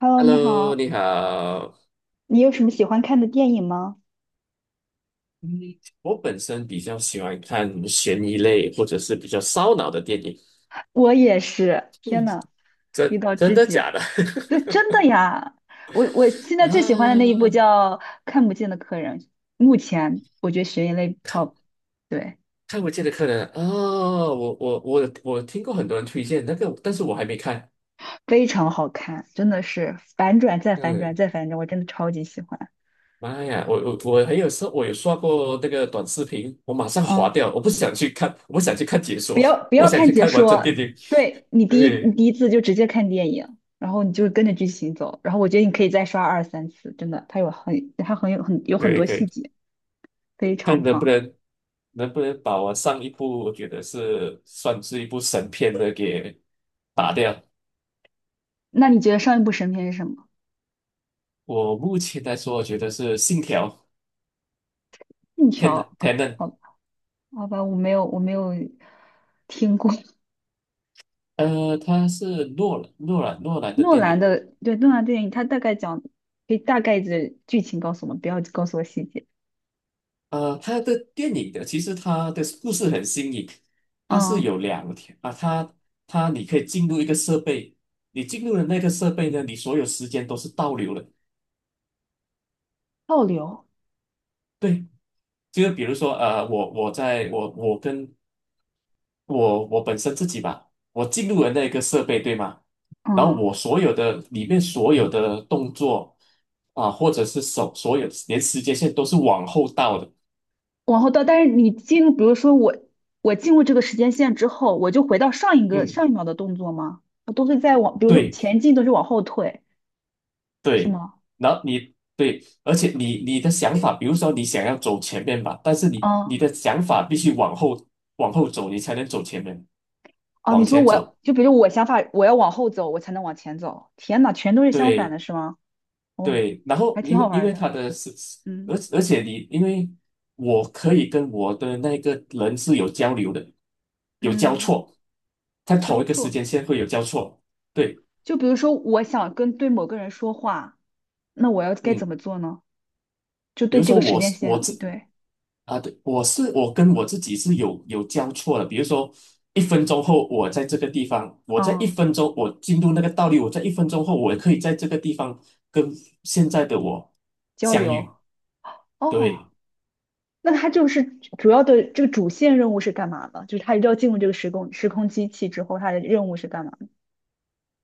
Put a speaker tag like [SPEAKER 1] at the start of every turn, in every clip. [SPEAKER 1] Hello，你
[SPEAKER 2] Hello，
[SPEAKER 1] 好，
[SPEAKER 2] 你好。
[SPEAKER 1] 你有什么喜欢看的电影吗？
[SPEAKER 2] 嗯，我本身比较喜欢看悬疑类或者是比较烧脑的电影。
[SPEAKER 1] 我也是，天呐，遇
[SPEAKER 2] 真
[SPEAKER 1] 到
[SPEAKER 2] 真
[SPEAKER 1] 知
[SPEAKER 2] 的
[SPEAKER 1] 己了，
[SPEAKER 2] 假的？
[SPEAKER 1] 对，真的呀，我现 在最喜欢的那一部
[SPEAKER 2] 啊，
[SPEAKER 1] 叫《看不见的客人》，目前我觉得悬疑类 top，对，
[SPEAKER 2] 看不见的客人啊，我听过很多人推荐那个，但是我还没看。
[SPEAKER 1] 非常好看，真的是反转再反转
[SPEAKER 2] 嗯，
[SPEAKER 1] 再反转，我真的超级喜欢。
[SPEAKER 2] 妈呀，我还有时候我有刷过那个短视频，我马上划
[SPEAKER 1] 嗯，
[SPEAKER 2] 掉，我不想去看，我不想去看解
[SPEAKER 1] 不
[SPEAKER 2] 说，
[SPEAKER 1] 要不
[SPEAKER 2] 我
[SPEAKER 1] 要
[SPEAKER 2] 想
[SPEAKER 1] 看
[SPEAKER 2] 去
[SPEAKER 1] 解
[SPEAKER 2] 看完整电
[SPEAKER 1] 说，
[SPEAKER 2] 影。
[SPEAKER 1] 对你
[SPEAKER 2] 对，
[SPEAKER 1] 第一次就直接看电影，然后你就跟着剧情走，然后我觉得你可以再刷二三次，真的，它有很它很有很有
[SPEAKER 2] 可
[SPEAKER 1] 很
[SPEAKER 2] 以
[SPEAKER 1] 多
[SPEAKER 2] 可以，
[SPEAKER 1] 细节。非
[SPEAKER 2] 看
[SPEAKER 1] 常
[SPEAKER 2] 能不
[SPEAKER 1] 棒。
[SPEAKER 2] 能。能不能把我上一部我觉得是算是一部神片的给打掉？
[SPEAKER 1] 那你觉得上一部神片是什么？
[SPEAKER 2] 我目前来说，我觉得是《信条》，
[SPEAKER 1] 信
[SPEAKER 2] 天的
[SPEAKER 1] 条？
[SPEAKER 2] 天能，
[SPEAKER 1] 好，好吧，我没有听过
[SPEAKER 2] 它是诺兰诺兰诺 兰的
[SPEAKER 1] 诺
[SPEAKER 2] 电
[SPEAKER 1] 兰
[SPEAKER 2] 影。
[SPEAKER 1] 的，对，诺兰电影，他大概讲，可以大概的剧情告诉我们，不要告诉我细节。
[SPEAKER 2] 他的电影的其实他的故事很新颖。它是
[SPEAKER 1] 嗯
[SPEAKER 2] 有2条啊，你可以进入一个设备。你进入了那个设备呢，你所有时间都是倒流的。
[SPEAKER 1] 倒流，
[SPEAKER 2] 对，就是比如说，我我在我我跟我我本身自己吧，我进入了那个设备，对吗？然后
[SPEAKER 1] 嗯，
[SPEAKER 2] 我所有的里面所有的动作啊，或者是手，所有连时间线都是往后倒的。
[SPEAKER 1] 往后倒。但是你进入，比如说我，我进入这个时间线之后，我就回到
[SPEAKER 2] 嗯，
[SPEAKER 1] 上一秒的动作吗？我都是在往，比如说
[SPEAKER 2] 对
[SPEAKER 1] 前进都是往后退，是
[SPEAKER 2] 对。
[SPEAKER 1] 吗？
[SPEAKER 2] 然后对，而且你的想法，比如说你想要走前面吧，但是你
[SPEAKER 1] 嗯
[SPEAKER 2] 你的想法必须往后往后走，你才能走前面，
[SPEAKER 1] 哦，你
[SPEAKER 2] 往
[SPEAKER 1] 说
[SPEAKER 2] 前走。
[SPEAKER 1] 我就比如我想法，我要往后走，我才能往前走。天呐，全都是相反
[SPEAKER 2] 对，
[SPEAKER 1] 的，是吗？哦，
[SPEAKER 2] 对，然后
[SPEAKER 1] 还挺
[SPEAKER 2] 因
[SPEAKER 1] 好
[SPEAKER 2] 为
[SPEAKER 1] 玩
[SPEAKER 2] 因
[SPEAKER 1] 儿
[SPEAKER 2] 为
[SPEAKER 1] 的。
[SPEAKER 2] 他的是，而
[SPEAKER 1] 嗯
[SPEAKER 2] 而且你因为我可以跟我的那个人是有交流的，有交
[SPEAKER 1] 嗯，
[SPEAKER 2] 错，在
[SPEAKER 1] 交
[SPEAKER 2] 同一个时
[SPEAKER 1] 错。
[SPEAKER 2] 间线会有交错。对，
[SPEAKER 1] 就比如说，我想跟对某个人说话，那我要该怎
[SPEAKER 2] 嗯，
[SPEAKER 1] 么做呢？就
[SPEAKER 2] 比
[SPEAKER 1] 对
[SPEAKER 2] 如
[SPEAKER 1] 这
[SPEAKER 2] 说
[SPEAKER 1] 个时
[SPEAKER 2] 我
[SPEAKER 1] 间
[SPEAKER 2] 是我
[SPEAKER 1] 线，
[SPEAKER 2] 自
[SPEAKER 1] 对，
[SPEAKER 2] 啊，对，我跟我自己是有交错的。比如说一分钟后我在这个地方，我在一
[SPEAKER 1] 嗯，
[SPEAKER 2] 分钟我进入那个道理，我在一分钟后我可以在这个地方跟现在的我
[SPEAKER 1] 交
[SPEAKER 2] 相
[SPEAKER 1] 流。
[SPEAKER 2] 遇。
[SPEAKER 1] 哦，
[SPEAKER 2] 对。
[SPEAKER 1] 那他就是主要的这个主线任务是干嘛的？就是他一定要进入这个时空机器之后，他的任务是干嘛的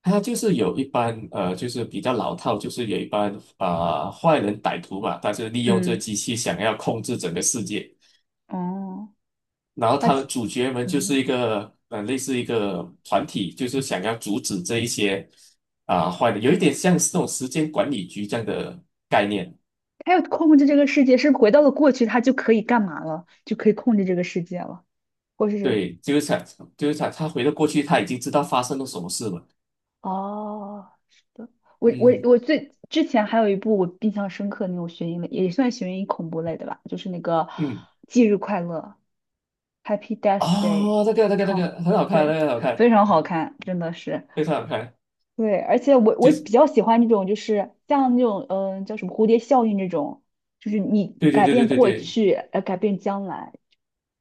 [SPEAKER 2] 他就是有一般就是比较老套，就是有一般啊、坏人歹徒嘛，他就利用这
[SPEAKER 1] 嗯，
[SPEAKER 2] 机器想要控制整个世界。
[SPEAKER 1] 哦，
[SPEAKER 2] 然后
[SPEAKER 1] 他，
[SPEAKER 2] 他们主角们就
[SPEAKER 1] 嗯。
[SPEAKER 2] 是一个类似一个团体，就是想要阻止这一些啊、坏的，有一点像是那种时间管理局这样的概念。
[SPEAKER 1] 他要控制这个世界，是不是回到了过去，他就可以干嘛了？就可以控制这个世界了，或是
[SPEAKER 2] 对，就是想他回到过去，他已经知道发生了什么事了。
[SPEAKER 1] 哦，是的。我我
[SPEAKER 2] 嗯
[SPEAKER 1] 我最之前还有一部我印象深刻的那种悬疑类，也算悬疑恐怖类的吧，就是那个
[SPEAKER 2] 嗯，
[SPEAKER 1] 《忌日快乐》（Happy Death Day），
[SPEAKER 2] 哦，那个
[SPEAKER 1] 超
[SPEAKER 2] 很好看，那
[SPEAKER 1] 对，
[SPEAKER 2] 个很好看，
[SPEAKER 1] 非常好看，真的是
[SPEAKER 2] 非常好看，
[SPEAKER 1] 对。而且我
[SPEAKER 2] 就
[SPEAKER 1] 比
[SPEAKER 2] 是
[SPEAKER 1] 较喜欢那种，就是像那种叫什么蝴蝶效应这种，就是你
[SPEAKER 2] 对对
[SPEAKER 1] 改
[SPEAKER 2] 对对
[SPEAKER 1] 变
[SPEAKER 2] 对
[SPEAKER 1] 过
[SPEAKER 2] 对。
[SPEAKER 1] 去，改变将来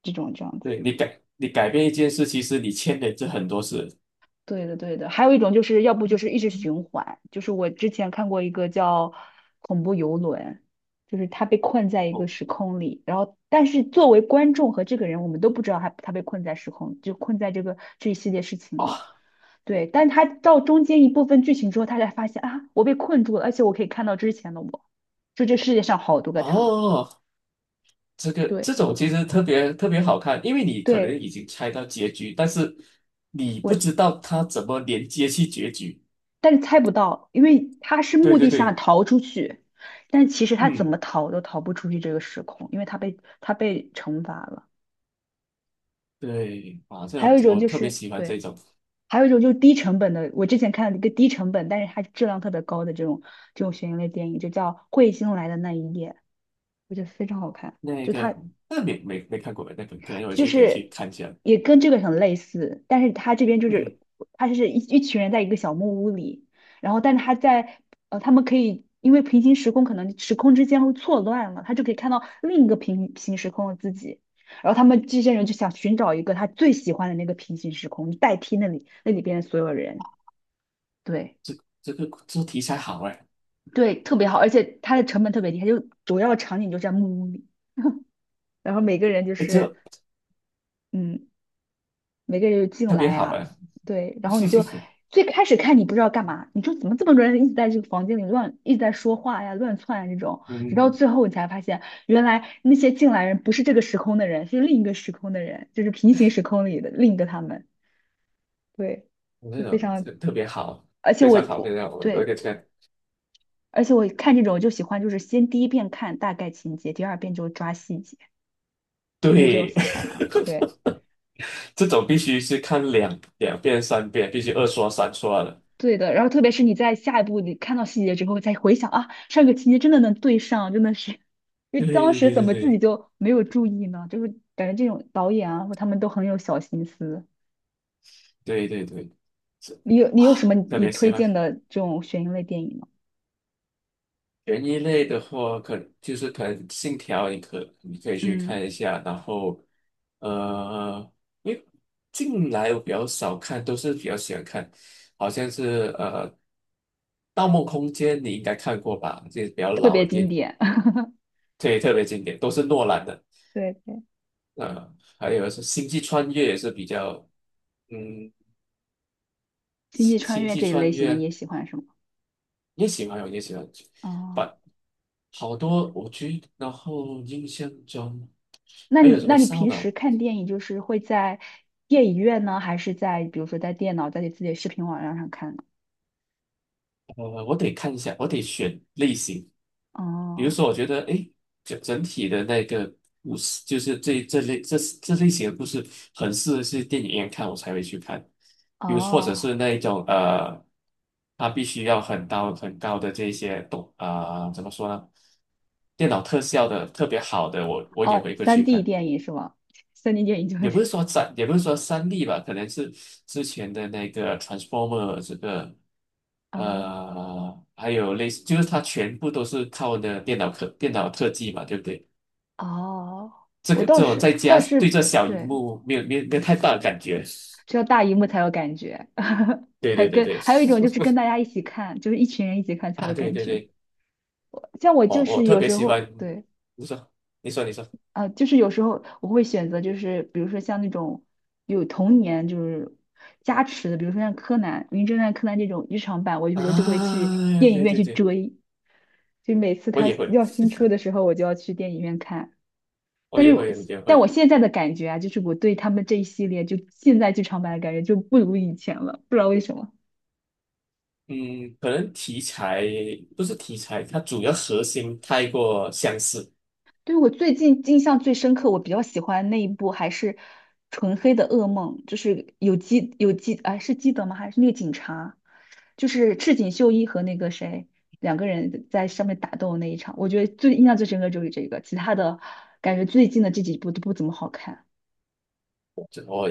[SPEAKER 1] 这种这样子。
[SPEAKER 2] 对，你改变一件事，其实你牵连着很多事。
[SPEAKER 1] 对的，对的，还有一种就是要不就是一直循环，就是我之前看过一个叫《恐怖游轮》，就是他被困在一个时空里，然后但是作为观众和这个人，我们都不知道他被困在时空，就困在这个这一系列事情
[SPEAKER 2] 哦
[SPEAKER 1] 里。对，但他到中间一部分剧情之后，他才发现啊，我被困住了，而且我可以看到之前的我，就这世界上好多个他。
[SPEAKER 2] 哦，这个这
[SPEAKER 1] 对，
[SPEAKER 2] 种其实特别特别好看，因为你可能
[SPEAKER 1] 对，
[SPEAKER 2] 已经猜到结局，但是你不
[SPEAKER 1] 我
[SPEAKER 2] 知道它怎么连接去结局。
[SPEAKER 1] 但是猜不到，因为他是
[SPEAKER 2] 对
[SPEAKER 1] 目
[SPEAKER 2] 对
[SPEAKER 1] 的下
[SPEAKER 2] 对，
[SPEAKER 1] 逃出去，但其实他怎么
[SPEAKER 2] 嗯，
[SPEAKER 1] 逃都逃不出去这个时空，因为他被惩罚了。
[SPEAKER 2] 对，啊，这
[SPEAKER 1] 还
[SPEAKER 2] 样
[SPEAKER 1] 有一
[SPEAKER 2] 子
[SPEAKER 1] 种
[SPEAKER 2] 我
[SPEAKER 1] 就
[SPEAKER 2] 特别
[SPEAKER 1] 是
[SPEAKER 2] 喜欢这
[SPEAKER 1] 对，
[SPEAKER 2] 种。
[SPEAKER 1] 还有一种就是低成本的，我之前看了一个低成本，但是它质量特别高的这种悬疑类电影，就叫《彗星来的那一夜》，我觉得非常好看。
[SPEAKER 2] 那
[SPEAKER 1] 就它
[SPEAKER 2] 个那没没没看过，那个可能我
[SPEAKER 1] 就
[SPEAKER 2] 去
[SPEAKER 1] 是
[SPEAKER 2] 看一下。
[SPEAKER 1] 也跟这个很类似，但是他这边就
[SPEAKER 2] 嗯
[SPEAKER 1] 是
[SPEAKER 2] 哼，
[SPEAKER 1] 他是一群人在一个小木屋里，然后但是他在他们可以因为平行时空可能时空之间会错乱了，他就可以看到另一个平行时空的自己，然后他们这些人就想寻找一个他最喜欢的那个平行时空，代替那里边的所有人，对。
[SPEAKER 2] 这这题材好哎，
[SPEAKER 1] 对，特别好，而且它的成本特别低，它就主要场景就在木屋里，然后每个人就
[SPEAKER 2] 哎
[SPEAKER 1] 是，
[SPEAKER 2] 这
[SPEAKER 1] 嗯，每个人就进
[SPEAKER 2] 特别
[SPEAKER 1] 来
[SPEAKER 2] 好
[SPEAKER 1] 啊，
[SPEAKER 2] 哎，
[SPEAKER 1] 对，然后你就最开始看你不知道干嘛，你说怎么这么多人一直在这个房间里乱，一直在说话呀、乱窜啊这种，直到
[SPEAKER 2] 嗯，
[SPEAKER 1] 最后你才发现，原来那些进来人不是这个时空的人，是另一个时空的人，就是平行时空里的另一个他们，对，
[SPEAKER 2] 那
[SPEAKER 1] 就非
[SPEAKER 2] 种
[SPEAKER 1] 常，
[SPEAKER 2] 特别好，
[SPEAKER 1] 而且
[SPEAKER 2] 非
[SPEAKER 1] 我
[SPEAKER 2] 常好，非
[SPEAKER 1] 我
[SPEAKER 2] 常好。我我
[SPEAKER 1] 对，
[SPEAKER 2] 给这个
[SPEAKER 1] 而且我看这种就喜欢，就是先第一遍看大概情节，第二遍就抓细节，你有这种
[SPEAKER 2] 对，
[SPEAKER 1] 想法吗？对。
[SPEAKER 2] 这种必须是看两遍、3遍，必须2刷、3刷的。
[SPEAKER 1] 对的，然后特别是你在下一步你看到细节之后再回想啊，上个情节真的能对上，真的是，因为
[SPEAKER 2] 对
[SPEAKER 1] 当时
[SPEAKER 2] 对
[SPEAKER 1] 怎
[SPEAKER 2] 对
[SPEAKER 1] 么自己
[SPEAKER 2] 对
[SPEAKER 1] 就没有注意呢？就是感觉这种导演啊，或他们都很有小心思。
[SPEAKER 2] 对对对对，是
[SPEAKER 1] 你
[SPEAKER 2] 啊，
[SPEAKER 1] 有什么
[SPEAKER 2] 特
[SPEAKER 1] 你
[SPEAKER 2] 别喜
[SPEAKER 1] 推
[SPEAKER 2] 欢。
[SPEAKER 1] 荐的这种悬疑类电影吗？
[SPEAKER 2] 悬疑类的话，可就是可能《信条》，你可以去看
[SPEAKER 1] 嗯，
[SPEAKER 2] 一下。然后，呃，因为近来我比较少看，都是比较喜欢看，好像是《盗梦空间》，你应该看过吧？这是比较
[SPEAKER 1] 特
[SPEAKER 2] 老
[SPEAKER 1] 别
[SPEAKER 2] 的电
[SPEAKER 1] 经
[SPEAKER 2] 影，
[SPEAKER 1] 典，
[SPEAKER 2] 对，特别经典，都是诺兰的。
[SPEAKER 1] 对对，
[SPEAKER 2] 呃，还有是星际穿越也是比较，嗯，
[SPEAKER 1] 星
[SPEAKER 2] 星
[SPEAKER 1] 际穿
[SPEAKER 2] 星
[SPEAKER 1] 越
[SPEAKER 2] 际
[SPEAKER 1] 这一
[SPEAKER 2] 穿
[SPEAKER 1] 类型的你
[SPEAKER 2] 越
[SPEAKER 1] 也喜欢是吗？
[SPEAKER 2] 也喜欢，我也喜欢，
[SPEAKER 1] 哦，
[SPEAKER 2] 把好多我觉得，然后印象中还有什
[SPEAKER 1] 那
[SPEAKER 2] 么
[SPEAKER 1] 你
[SPEAKER 2] 烧
[SPEAKER 1] 平时
[SPEAKER 2] 脑。
[SPEAKER 1] 看电影就是会在电影院呢，还是在比如说在电脑在你自己的视频网站上看呢？
[SPEAKER 2] 我得看一下，我得选类型。比如
[SPEAKER 1] 哦。
[SPEAKER 2] 说，我觉得，诶，整体的那个故事，就是这类型的故事，很适合去电影院看，我才会去看。比如，或者是
[SPEAKER 1] 哦，
[SPEAKER 2] 那一种它必须要很高很高的这些动啊、怎么说呢？电脑特效的特别好的，我也
[SPEAKER 1] 哦
[SPEAKER 2] 会过
[SPEAKER 1] 三
[SPEAKER 2] 去
[SPEAKER 1] d
[SPEAKER 2] 看。
[SPEAKER 1] 电影是吗 3D 电影就是
[SPEAKER 2] 也不是说3D 吧，可能是之前的那个 Transformer 这个。
[SPEAKER 1] 哦
[SPEAKER 2] 还有类似，就是它全部都是靠的电脑特技嘛，对不对？
[SPEAKER 1] 哦，
[SPEAKER 2] 这
[SPEAKER 1] 我
[SPEAKER 2] 个
[SPEAKER 1] 倒
[SPEAKER 2] 这种
[SPEAKER 1] 是
[SPEAKER 2] 在
[SPEAKER 1] 倒
[SPEAKER 2] 家对
[SPEAKER 1] 是
[SPEAKER 2] 这小荧
[SPEAKER 1] 对，
[SPEAKER 2] 幕没有太大的感觉
[SPEAKER 1] 只有大荧幕才有感觉，
[SPEAKER 2] 对
[SPEAKER 1] 还
[SPEAKER 2] 对对
[SPEAKER 1] 跟
[SPEAKER 2] 对，
[SPEAKER 1] 还有一种就是跟大家一起看，就是一群人一起看 才有
[SPEAKER 2] 啊对
[SPEAKER 1] 感
[SPEAKER 2] 对
[SPEAKER 1] 觉。
[SPEAKER 2] 对，
[SPEAKER 1] 像我
[SPEAKER 2] 哦
[SPEAKER 1] 就
[SPEAKER 2] 我
[SPEAKER 1] 是
[SPEAKER 2] 特
[SPEAKER 1] 有
[SPEAKER 2] 别
[SPEAKER 1] 时
[SPEAKER 2] 喜欢，
[SPEAKER 1] 候对
[SPEAKER 2] 你说你说你说，
[SPEAKER 1] 就是有时候我会选择就是比如说像那种有童年就是加持的，比如说像柯南、名侦探柯南这种日常版，我有时候就会去
[SPEAKER 2] 啊，
[SPEAKER 1] 电影
[SPEAKER 2] 对
[SPEAKER 1] 院
[SPEAKER 2] 对
[SPEAKER 1] 去
[SPEAKER 2] 对，
[SPEAKER 1] 追，就每次
[SPEAKER 2] 我
[SPEAKER 1] 它
[SPEAKER 2] 也会
[SPEAKER 1] 要新出的时候，我就要去电影院看。
[SPEAKER 2] 我
[SPEAKER 1] 但
[SPEAKER 2] 也
[SPEAKER 1] 是
[SPEAKER 2] 会我也
[SPEAKER 1] 但我
[SPEAKER 2] 会，
[SPEAKER 1] 现在的感觉啊，就是我对他们这一系列就现在剧场版的感觉就不如以前了，不知道为什么。
[SPEAKER 2] 嗯，可能题材不是题材，它主要核心太过相似。
[SPEAKER 1] 对我最近印象最深刻，我比较喜欢那一部还是《纯黑的噩梦》，就是有基啊，是基德吗？还是那个警察？就是赤井秀一和那个谁两个人在上面打斗那一场，我觉得最印象最深刻就是这个，其他的感觉最近的这几部都不怎么好看。
[SPEAKER 2] 这我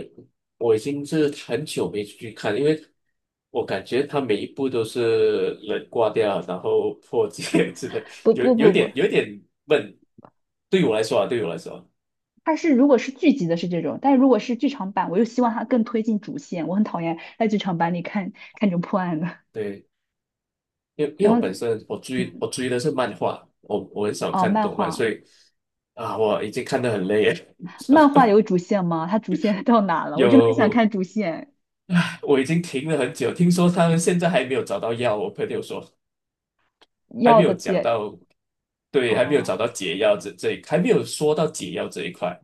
[SPEAKER 2] 我已经是很久没去看，因为我感觉他每一部都是人挂掉，然后破戒 之类，
[SPEAKER 1] 不
[SPEAKER 2] 有
[SPEAKER 1] 不
[SPEAKER 2] 有
[SPEAKER 1] 不不，
[SPEAKER 2] 点有点闷。对我来说啊，对我来说啊，
[SPEAKER 1] 它是如果是剧集的是这种，但是如果是剧场版，我又希望它更推进主线。我很讨厌在剧场版里看这种破案的。
[SPEAKER 2] 对，因为 因
[SPEAKER 1] 然
[SPEAKER 2] 为我本
[SPEAKER 1] 后，
[SPEAKER 2] 身我追我
[SPEAKER 1] 嗯，
[SPEAKER 2] 追的是漫画，我很少
[SPEAKER 1] 哦，
[SPEAKER 2] 看
[SPEAKER 1] 漫
[SPEAKER 2] 动漫，
[SPEAKER 1] 画，
[SPEAKER 2] 所以啊，我已经看得很累了。
[SPEAKER 1] 漫画有主线吗？它主线 到哪了？我真的很想
[SPEAKER 2] 有，
[SPEAKER 1] 看主线
[SPEAKER 2] 我已经停了很久，听说他们现在还没有找到药，我朋友说。还
[SPEAKER 1] 要
[SPEAKER 2] 没
[SPEAKER 1] 的
[SPEAKER 2] 有讲
[SPEAKER 1] 解。
[SPEAKER 2] 到，对，还没有找到
[SPEAKER 1] 哦
[SPEAKER 2] 解药这这一，还没有说到解药这一块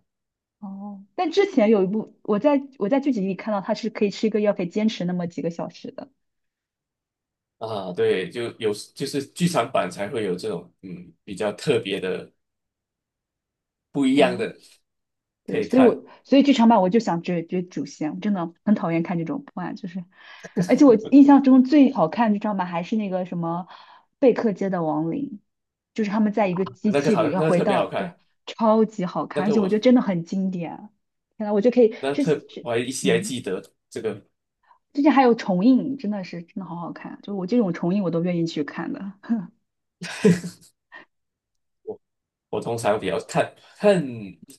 [SPEAKER 1] 哦，但之前有一部，我在剧集里看到它是可以吃一个药，可以坚持那么几个小时的。
[SPEAKER 2] 啊，对，就是剧场版才会有这种比较特别的、不一样
[SPEAKER 1] 嗯。
[SPEAKER 2] 的可
[SPEAKER 1] 对，
[SPEAKER 2] 以看。
[SPEAKER 1] 所以剧场版我就想追追主线，我真的很讨厌看这种破案，就是，而且我印象中最好看的剧场版还是那个什么贝克街的亡灵，就是他们在一个机
[SPEAKER 2] 那个
[SPEAKER 1] 器
[SPEAKER 2] 好，
[SPEAKER 1] 里要
[SPEAKER 2] 那个
[SPEAKER 1] 回
[SPEAKER 2] 特别好
[SPEAKER 1] 到，对，
[SPEAKER 2] 看，
[SPEAKER 1] 超级好
[SPEAKER 2] 那
[SPEAKER 1] 看，而
[SPEAKER 2] 个
[SPEAKER 1] 且我觉得
[SPEAKER 2] 我
[SPEAKER 1] 真的很经典。天呐，我就可以
[SPEAKER 2] 那特我还依稀还
[SPEAKER 1] 嗯，
[SPEAKER 2] 记得这个。
[SPEAKER 1] 最近还有重映，真的是真的好好看，就我这种重映我都愿意去看的。
[SPEAKER 2] 我我通常比较看看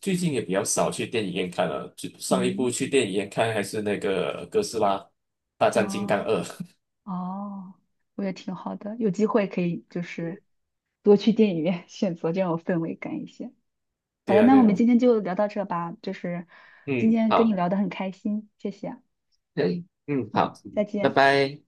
[SPEAKER 2] 最近也比较少去电影院看了，就 上一部
[SPEAKER 1] 嗯，
[SPEAKER 2] 去电影院看还是那个哥斯拉大战金刚
[SPEAKER 1] 哦。
[SPEAKER 2] 二，
[SPEAKER 1] 哦，我也挺好的，有机会可以就是多去电影院 选择，这种氛围感一些。好的，
[SPEAKER 2] 对啊
[SPEAKER 1] 那我
[SPEAKER 2] 对
[SPEAKER 1] 们
[SPEAKER 2] 啊，
[SPEAKER 1] 今天就聊到这吧，就是今
[SPEAKER 2] 嗯，
[SPEAKER 1] 天跟你
[SPEAKER 2] 好。
[SPEAKER 1] 聊得很开心，谢谢，
[SPEAKER 2] 对，嗯，好，
[SPEAKER 1] 好，再
[SPEAKER 2] 拜
[SPEAKER 1] 见。
[SPEAKER 2] 拜。